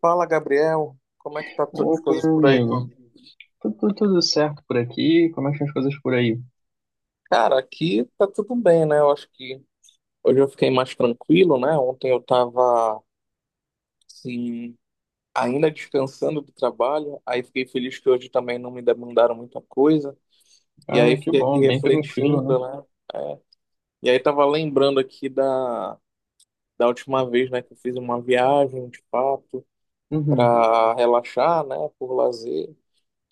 Fala, Gabriel. Como é que as Opa, coisas meu por aí, meu amigo. amigo? Tudo certo por aqui? Como é que estão as coisas por aí? Cara, aqui tá tudo bem, né? Eu acho que hoje eu fiquei mais tranquilo, né? Ontem eu tava, assim, ainda descansando do trabalho, aí fiquei feliz que hoje também não me demandaram muita coisa, e aí Ah, que fiquei aqui bom, bem tranquilo, refletindo, né? né? É. E aí tava lembrando aqui da última vez, né, que eu fiz uma viagem, de fato, Uhum. pra relaxar, né, por lazer.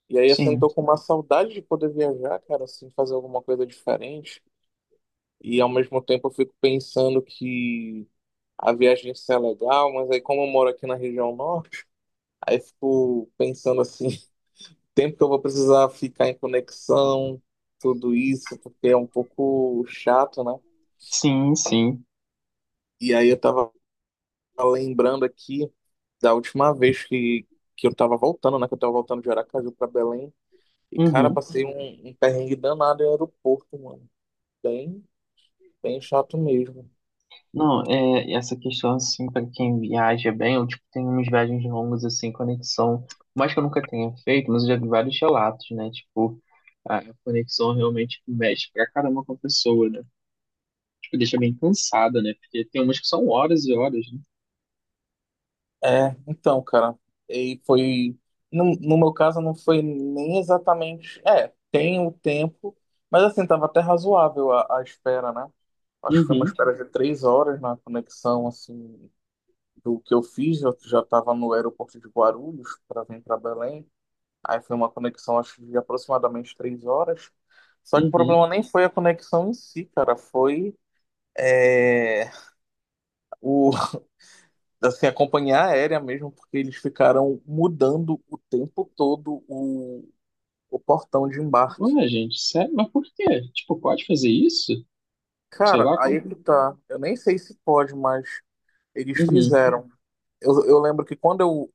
E aí, assim, tô Sim, com uma saudade de poder viajar, cara, assim, fazer alguma coisa diferente. E ao mesmo tempo eu fico pensando que a viagem ia ser legal, mas aí como eu moro aqui na região norte, aí eu fico pensando assim, tempo que eu vou precisar ficar em conexão, tudo isso, porque é um pouco chato, né? sim, sim. E aí eu tava lembrando aqui da última vez que eu tava voltando, né? Que eu tava voltando de Aracaju pra Belém. E, cara, Uhum. passei um perrengue danado em aeroporto, mano. Bem, bem chato mesmo. Não, é, essa questão, assim, para quem viaja bem, eu, tipo, tenho umas viagens longas, assim, conexão, por mais que eu nunca tenha feito, mas eu já vi vários relatos, né? Tipo, a conexão realmente mexe pra caramba com a pessoa, né? Tipo, deixa bem cansada, né? Porque tem umas que são horas e horas, né? É, então, cara, e foi. No meu caso, não foi nem exatamente. É, tem o tempo, mas assim, tava até razoável a espera, né? Acho que foi uma Uhum, espera de 3 horas na conexão, assim, do que eu fiz. Eu já tava no aeroporto de Guarulhos para vir para Belém. Aí foi uma conexão, acho, de aproximadamente 3 horas. Só que o uhum. problema nem foi a conexão em si, cara, foi. É, o, assim, a companhia aérea mesmo, porque eles ficaram mudando o tempo todo o portão de embarque. Ué, gente, sério? Mas por quê? Tipo, pode fazer isso? Sei Cara, lá aí como. é que tá. Eu nem sei se pode, mas eles Uhum, fizeram. Eu lembro que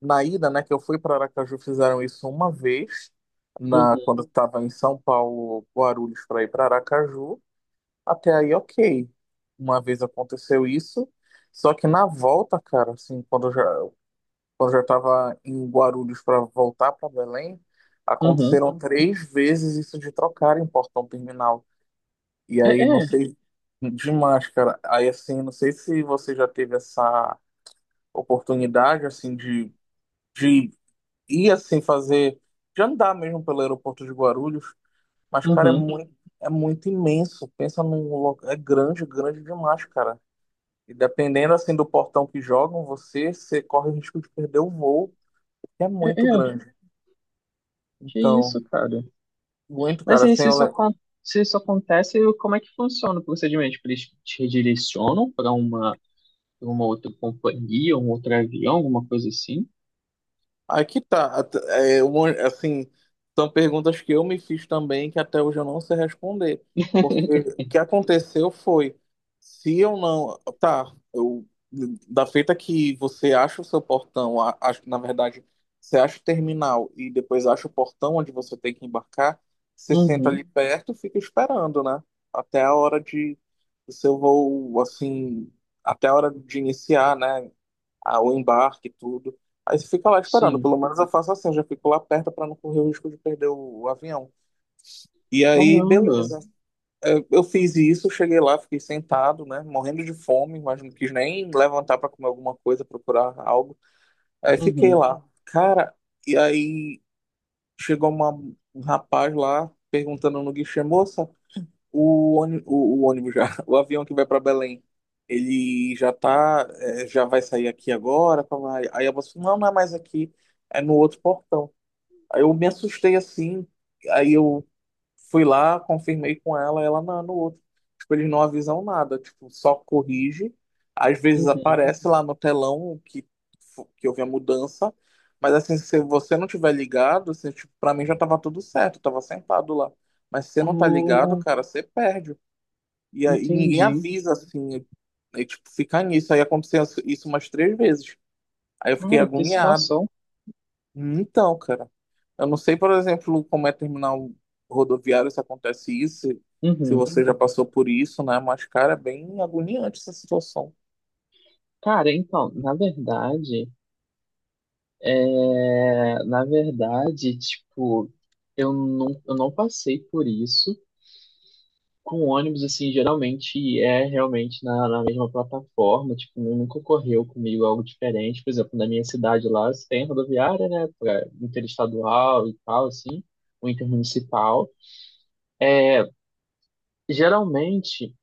na ida, né, que eu fui para Aracaju, fizeram isso uma vez, uhum, quando eu tava em São Paulo, Guarulhos, para ir para Aracaju. Até aí, ok. Uma vez aconteceu isso. Só que na volta, cara, assim, quando eu já estava em Guarulhos para voltar para Belém, uhum. aconteceram 3 vezes isso de trocarem o portão terminal. E É, aí, não é, sei, demais, cara. Aí, assim, não sei se você já teve essa oportunidade, assim, de ir, assim, fazer, de andar mesmo pelo aeroporto de Guarulhos, mas, cara, uhum, é muito imenso. Pensa num local, é grande, grande demais, cara. E dependendo, assim, do portão que jogam você, você corre o risco de perder o voo, porque é é, muito é. grande. Que Então, isso, cara? muito, Mas cara, aí, assim, se eu isso, le- se isso acontece, como é que funciona o procedimento? Tipo, eles te redirecionam pra uma outra companhia, um outro avião, alguma coisa assim? aqui tá, at- é, um- assim, são perguntas que eu me fiz também que até hoje eu não sei responder, porque o que aconteceu foi, se eu não, tá, eu, da feita que você acha o seu portão, acho que na verdade, você acha o terminal e depois acha o portão onde você tem que embarcar, você senta Uhum, ali perto e fica esperando, né, até a hora do seu voo, assim, até a hora de iniciar, né? O embarque e tudo. Aí você fica lá esperando, sim. pelo menos eu faço assim, eu já fico lá perto para não correr o risco de perder o avião. E aí, Caramba. beleza. É, eu fiz isso, cheguei lá, fiquei sentado, né, morrendo de fome, mas não quis nem levantar para comer alguma coisa, procurar algo. Aí fiquei Uhum, lá. Cara, e aí chegou um rapaz lá perguntando no guichê, moça. O ônibus já, o avião que vai para Belém, ele já tá, é, já vai sair aqui agora. Pá, pá. Aí a moça falou, não, não é mais aqui, é no outro portão. Aí eu me assustei assim, aí eu fui lá, confirmei com ela, ela não, é no outro. Tipo, eles não avisam nada, tipo, só corrige. Às vezes uhum. aparece lá no telão que houve a mudança, mas assim, se você não tiver ligado, assim, tipo, para mim já tava tudo certo, eu tava sentado lá. Mas se você não tá ligado, Ah, cara, você perde. E aí ninguém entendi. avisa, assim. E, tipo, fica nisso. Aí aconteceu isso umas 3 vezes. Aí eu fiquei Cara, que agoniado. situação. Então, cara, eu não sei, por exemplo, como é terminal rodoviário se acontece isso, se Uhum. você já passou por isso, né? Mas, cara, é bem agoniante essa situação. Cara, então, na verdade. É, na verdade, tipo, eu não passei por isso. Com ônibus, assim, geralmente é realmente na mesma plataforma, tipo, nunca ocorreu comigo algo diferente. Por exemplo, na minha cidade lá, você tem rodoviária, né, pra interestadual e tal, assim, ou intermunicipal. Geralmente,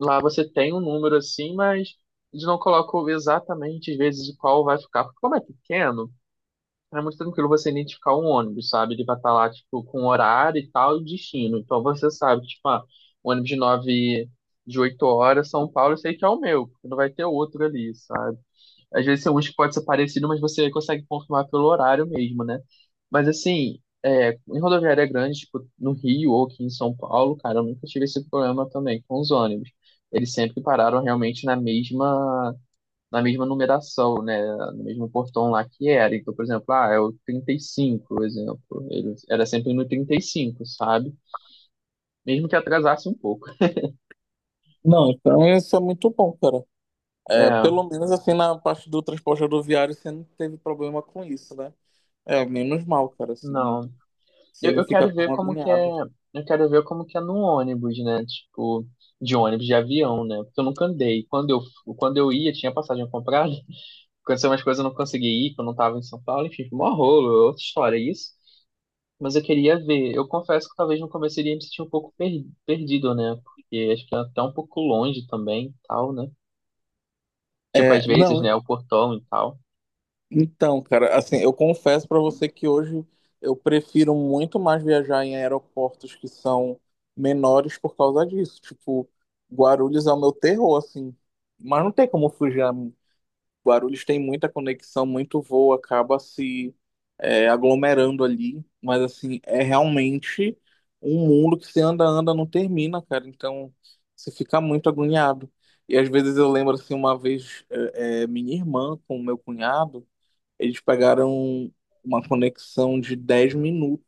lá você tem um número assim, mas eles não colocam exatamente, às vezes, qual vai ficar, porque como é pequeno. É muito tranquilo você identificar um ônibus, sabe? Ele vai estar lá, tipo, com horário e tal, e destino. Então você sabe, tipo, ah, o ônibus de nove, de 8 horas, São Paulo, eu sei que é o meu, porque não vai ter outro ali, sabe? Às vezes tem uns que pode ser parecido, mas você consegue confirmar pelo horário mesmo, né? Mas assim, é, em rodoviária grande, tipo, no Rio ou aqui em São Paulo, cara, eu nunca tive esse problema também com os ônibus. Eles sempre pararam realmente na mesma numeração, né? No mesmo portão lá que era. Então, por exemplo, ah, é o 35, por exemplo. Ele era sempre no 35, sabe? Mesmo que atrasasse um pouco. Não, então isso é muito bom, cara. É, É, pelo menos assim na parte do transporte rodoviário você não teve problema com isso, né? É, menos mal, cara, assim, não. você Eu, não eu fica quero ver tão como que é. agoniado. Eu quero ver como que é no ônibus, né? Tipo, de ônibus, de avião, né? Porque eu nunca andei. Quando eu ia, tinha passagem comprada. Aconteceu umas coisas, eu não consegui ir, porque eu não tava em São Paulo. Enfim, foi mó rolo, outra história. Isso. Mas eu queria ver. Eu confesso que talvez no começo eu iria me sentir um pouco perdido, né? Porque acho que é até um pouco longe também, tal, né? Tipo, às É, vezes, não, né? O portão e tal. então, cara, assim, eu confesso pra você que hoje eu prefiro muito mais viajar em aeroportos que são menores por causa disso. Tipo, Guarulhos é o meu terror, assim. Mas não tem como fugir. A Guarulhos tem muita conexão, muito voo, acaba se é, aglomerando ali. Mas, assim, é realmente um mundo que se anda, anda, não termina, cara. Então, você fica muito agoniado. E às vezes eu lembro, assim, uma vez, minha irmã com meu cunhado. Eles pegaram uma conexão de 10 minutos,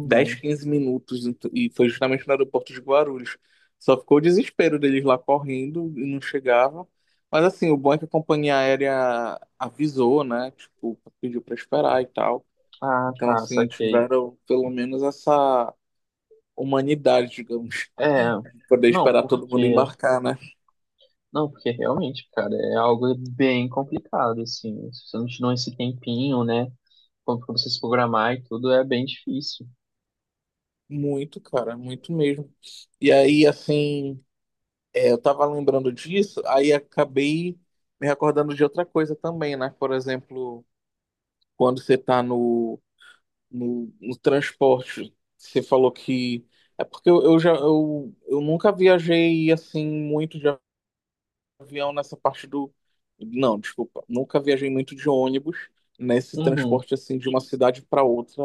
10, 15 minutos, e foi justamente no aeroporto de Guarulhos. Só ficou o desespero deles lá correndo e não chegavam. Mas assim, o bom é que a companhia aérea avisou, né? Tipo, pediu para esperar e tal. Ah, Então, tá, assim, saquei. tiveram pelo menos essa humanidade, digamos, É, de poder não, esperar todo porque. mundo embarcar, né? Não, porque realmente, cara, é algo bem complicado, assim. Se você não tirar esse tempinho, né? Como pra você se programar e tudo, é bem difícil. Muito, cara, muito mesmo. E aí, assim. É, eu tava lembrando disso, aí acabei me recordando de outra coisa também, né? Por exemplo, quando você tá no transporte, você falou que. É porque eu nunca viajei assim muito, de avião nessa parte do. Não, desculpa. Nunca viajei muito de ônibus nesse Uhum. transporte assim de uma cidade para outra,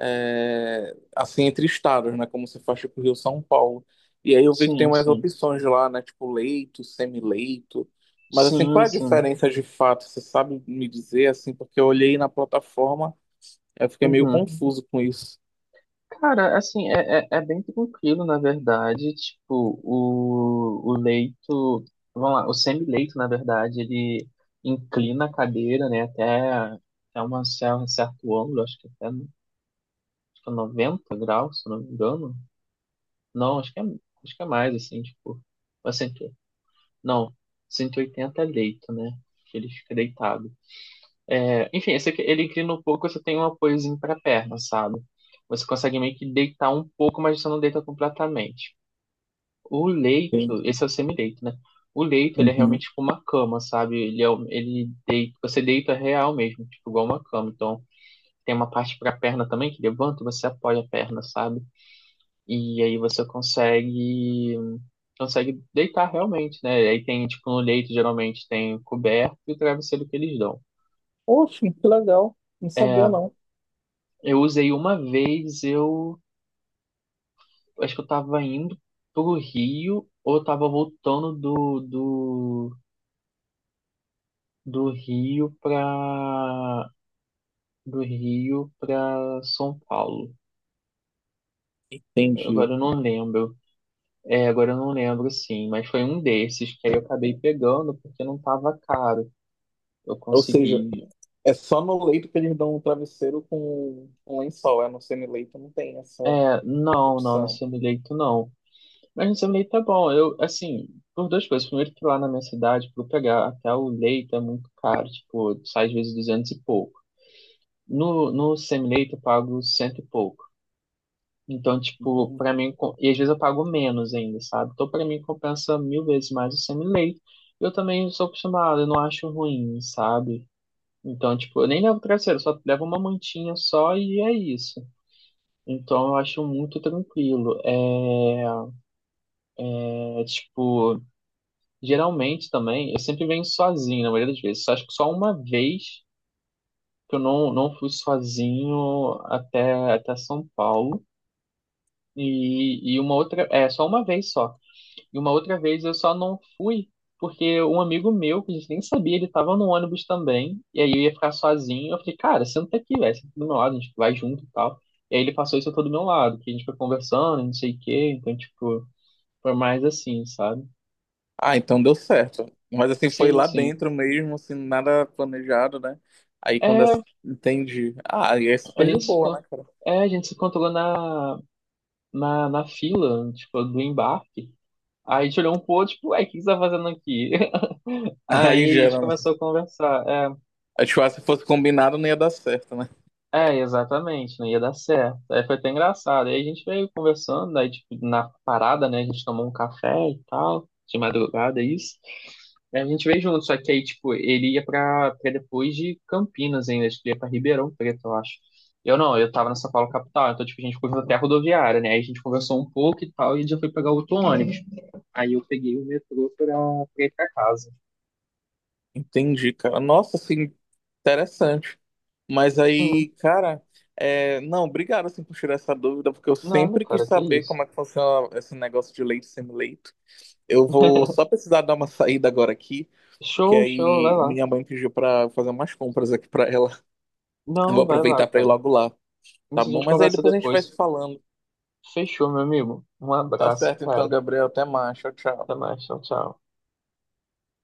é, assim entre estados, né? Como você faz tipo Rio São Paulo. E aí eu vi que tem Sim, umas sim. opções lá, né? Tipo leito, semileito. Mas assim, Sim, qual é a sim. diferença de fato? Você sabe me dizer assim? Porque eu olhei na plataforma, eu fiquei meio Uhum. confuso com isso. Cara, assim, é bem tranquilo, na verdade. Tipo, o leito, vamos lá, o semi-leito, na verdade, ele inclina a cadeira, né, até uma, um certo ângulo, acho que até acho que é 90 graus, se não me engano. Não, acho que é mais, assim, tipo, mas não, 180 é leito, né, que ele fica deitado. É, enfim, esse aqui, ele inclina um pouco, você tem um apoiozinho para a perna, sabe? Você consegue meio que deitar um pouco, mas você não deita completamente. O leito, Sim. esse é o semileito, né? O leito, ele é Uhum. realmente tipo uma cama, sabe? Ele, ele deita, você deita real mesmo, tipo igual uma cama. Então, tem uma parte para a perna também que levanta, você apoia a perna, sabe? E aí você consegue deitar realmente, né? Aí tem, tipo, no leito geralmente tem coberto e o travesseiro que eles dão. Poxa, que legal. Não sabia É, não. eu usei uma vez, eu acho que eu tava indo pro Rio ou eu tava voltando do Rio pra do Rio pra São Paulo. Entendi. Agora eu não lembro. É, agora eu não lembro sim, mas foi um desses que aí eu acabei pegando porque não tava caro. Eu Ou seja, consegui. é só no leito que eles dão um travesseiro com um lençol. É no semi-leito não tem essa É, não, não, no opção. semi-leito não. Mas no seu leite tá bom. Eu, assim, por duas coisas. Primeiro que lá na minha cidade, para pegar até o leite é muito caro. Tipo, sai às vezes 200 e pouco. No semi-leite eu pago cento e pouco. Então, tipo, para Entendi. mim. E às vezes eu pago menos ainda, sabe? Então, para mim, compensa mil vezes mais o semi-leite. Eu também sou acostumado, eu não acho ruim, sabe? Então, tipo, eu nem levo travesseiro, eu só levo uma mantinha só e é isso. Então, eu acho muito tranquilo. É, é tipo. Geralmente também, eu sempre venho sozinho, na maioria das vezes. Acho que só uma vez que eu não fui sozinho até São Paulo. E uma outra, é, só uma vez só. E uma outra vez eu só não fui porque um amigo meu, que a gente nem sabia, ele tava no ônibus também. E aí eu ia ficar sozinho. Eu falei, cara, senta aqui, velho, senta do meu lado, a gente vai junto e tal. E aí ele passou isso todo do meu lado, que a gente foi conversando, não sei o quê. Então, tipo, foi mais assim, sabe? Ah, então deu certo. Mas assim, foi Sim, lá sim. dentro mesmo, assim, nada planejado, né? É. Entendi. Ah, e é A super de gente se, boa, né, con- cara? a gente se encontrou na fila, tipo, do embarque. Aí a gente olhou um pouco, tipo, ué, o que você tá fazendo aqui? Aí Aí a gente gera, né? começou a conversar. É. Acho que se fosse combinado não ia dar certo, né? É, exatamente, não ia dar certo. Aí foi até engraçado. Aí a gente veio conversando, aí tipo, na parada, né, a gente tomou um café e tal, de madrugada, isso. Aí a gente veio junto, só que aí, tipo, ele ia pra depois de Campinas ainda, acho que ele ia pra Ribeirão Preto, eu acho. Eu não, eu tava na São Paulo capital, então, tipo, a gente foi até a rodoviária, né, aí a gente conversou um pouco e tal, e já foi pegar outro ônibus. Aí eu peguei o metrô pra ir pra casa. Entendi, cara. Nossa, assim, interessante. Mas Sim, aí, cara, é, não, obrigado assim por tirar essa dúvida, porque eu nada, sempre quis cara, que saber isso. como é que funciona esse negócio de leite e semi-leito. Eu vou só precisar dar uma saída agora aqui, que Show, show, vai aí lá. minha mãe pediu pra fazer umas compras aqui pra ela. Eu vou Não, vai lá, aproveitar pra ir cara. logo lá, tá Isso a bom? gente Mas aí conversa depois a gente vai se depois. falando. Fechou, meu amigo. Um Tá abraço, certo cara. então, Gabriel. Até mais. Tchau, tchau. Até mais. Tchau, tchau.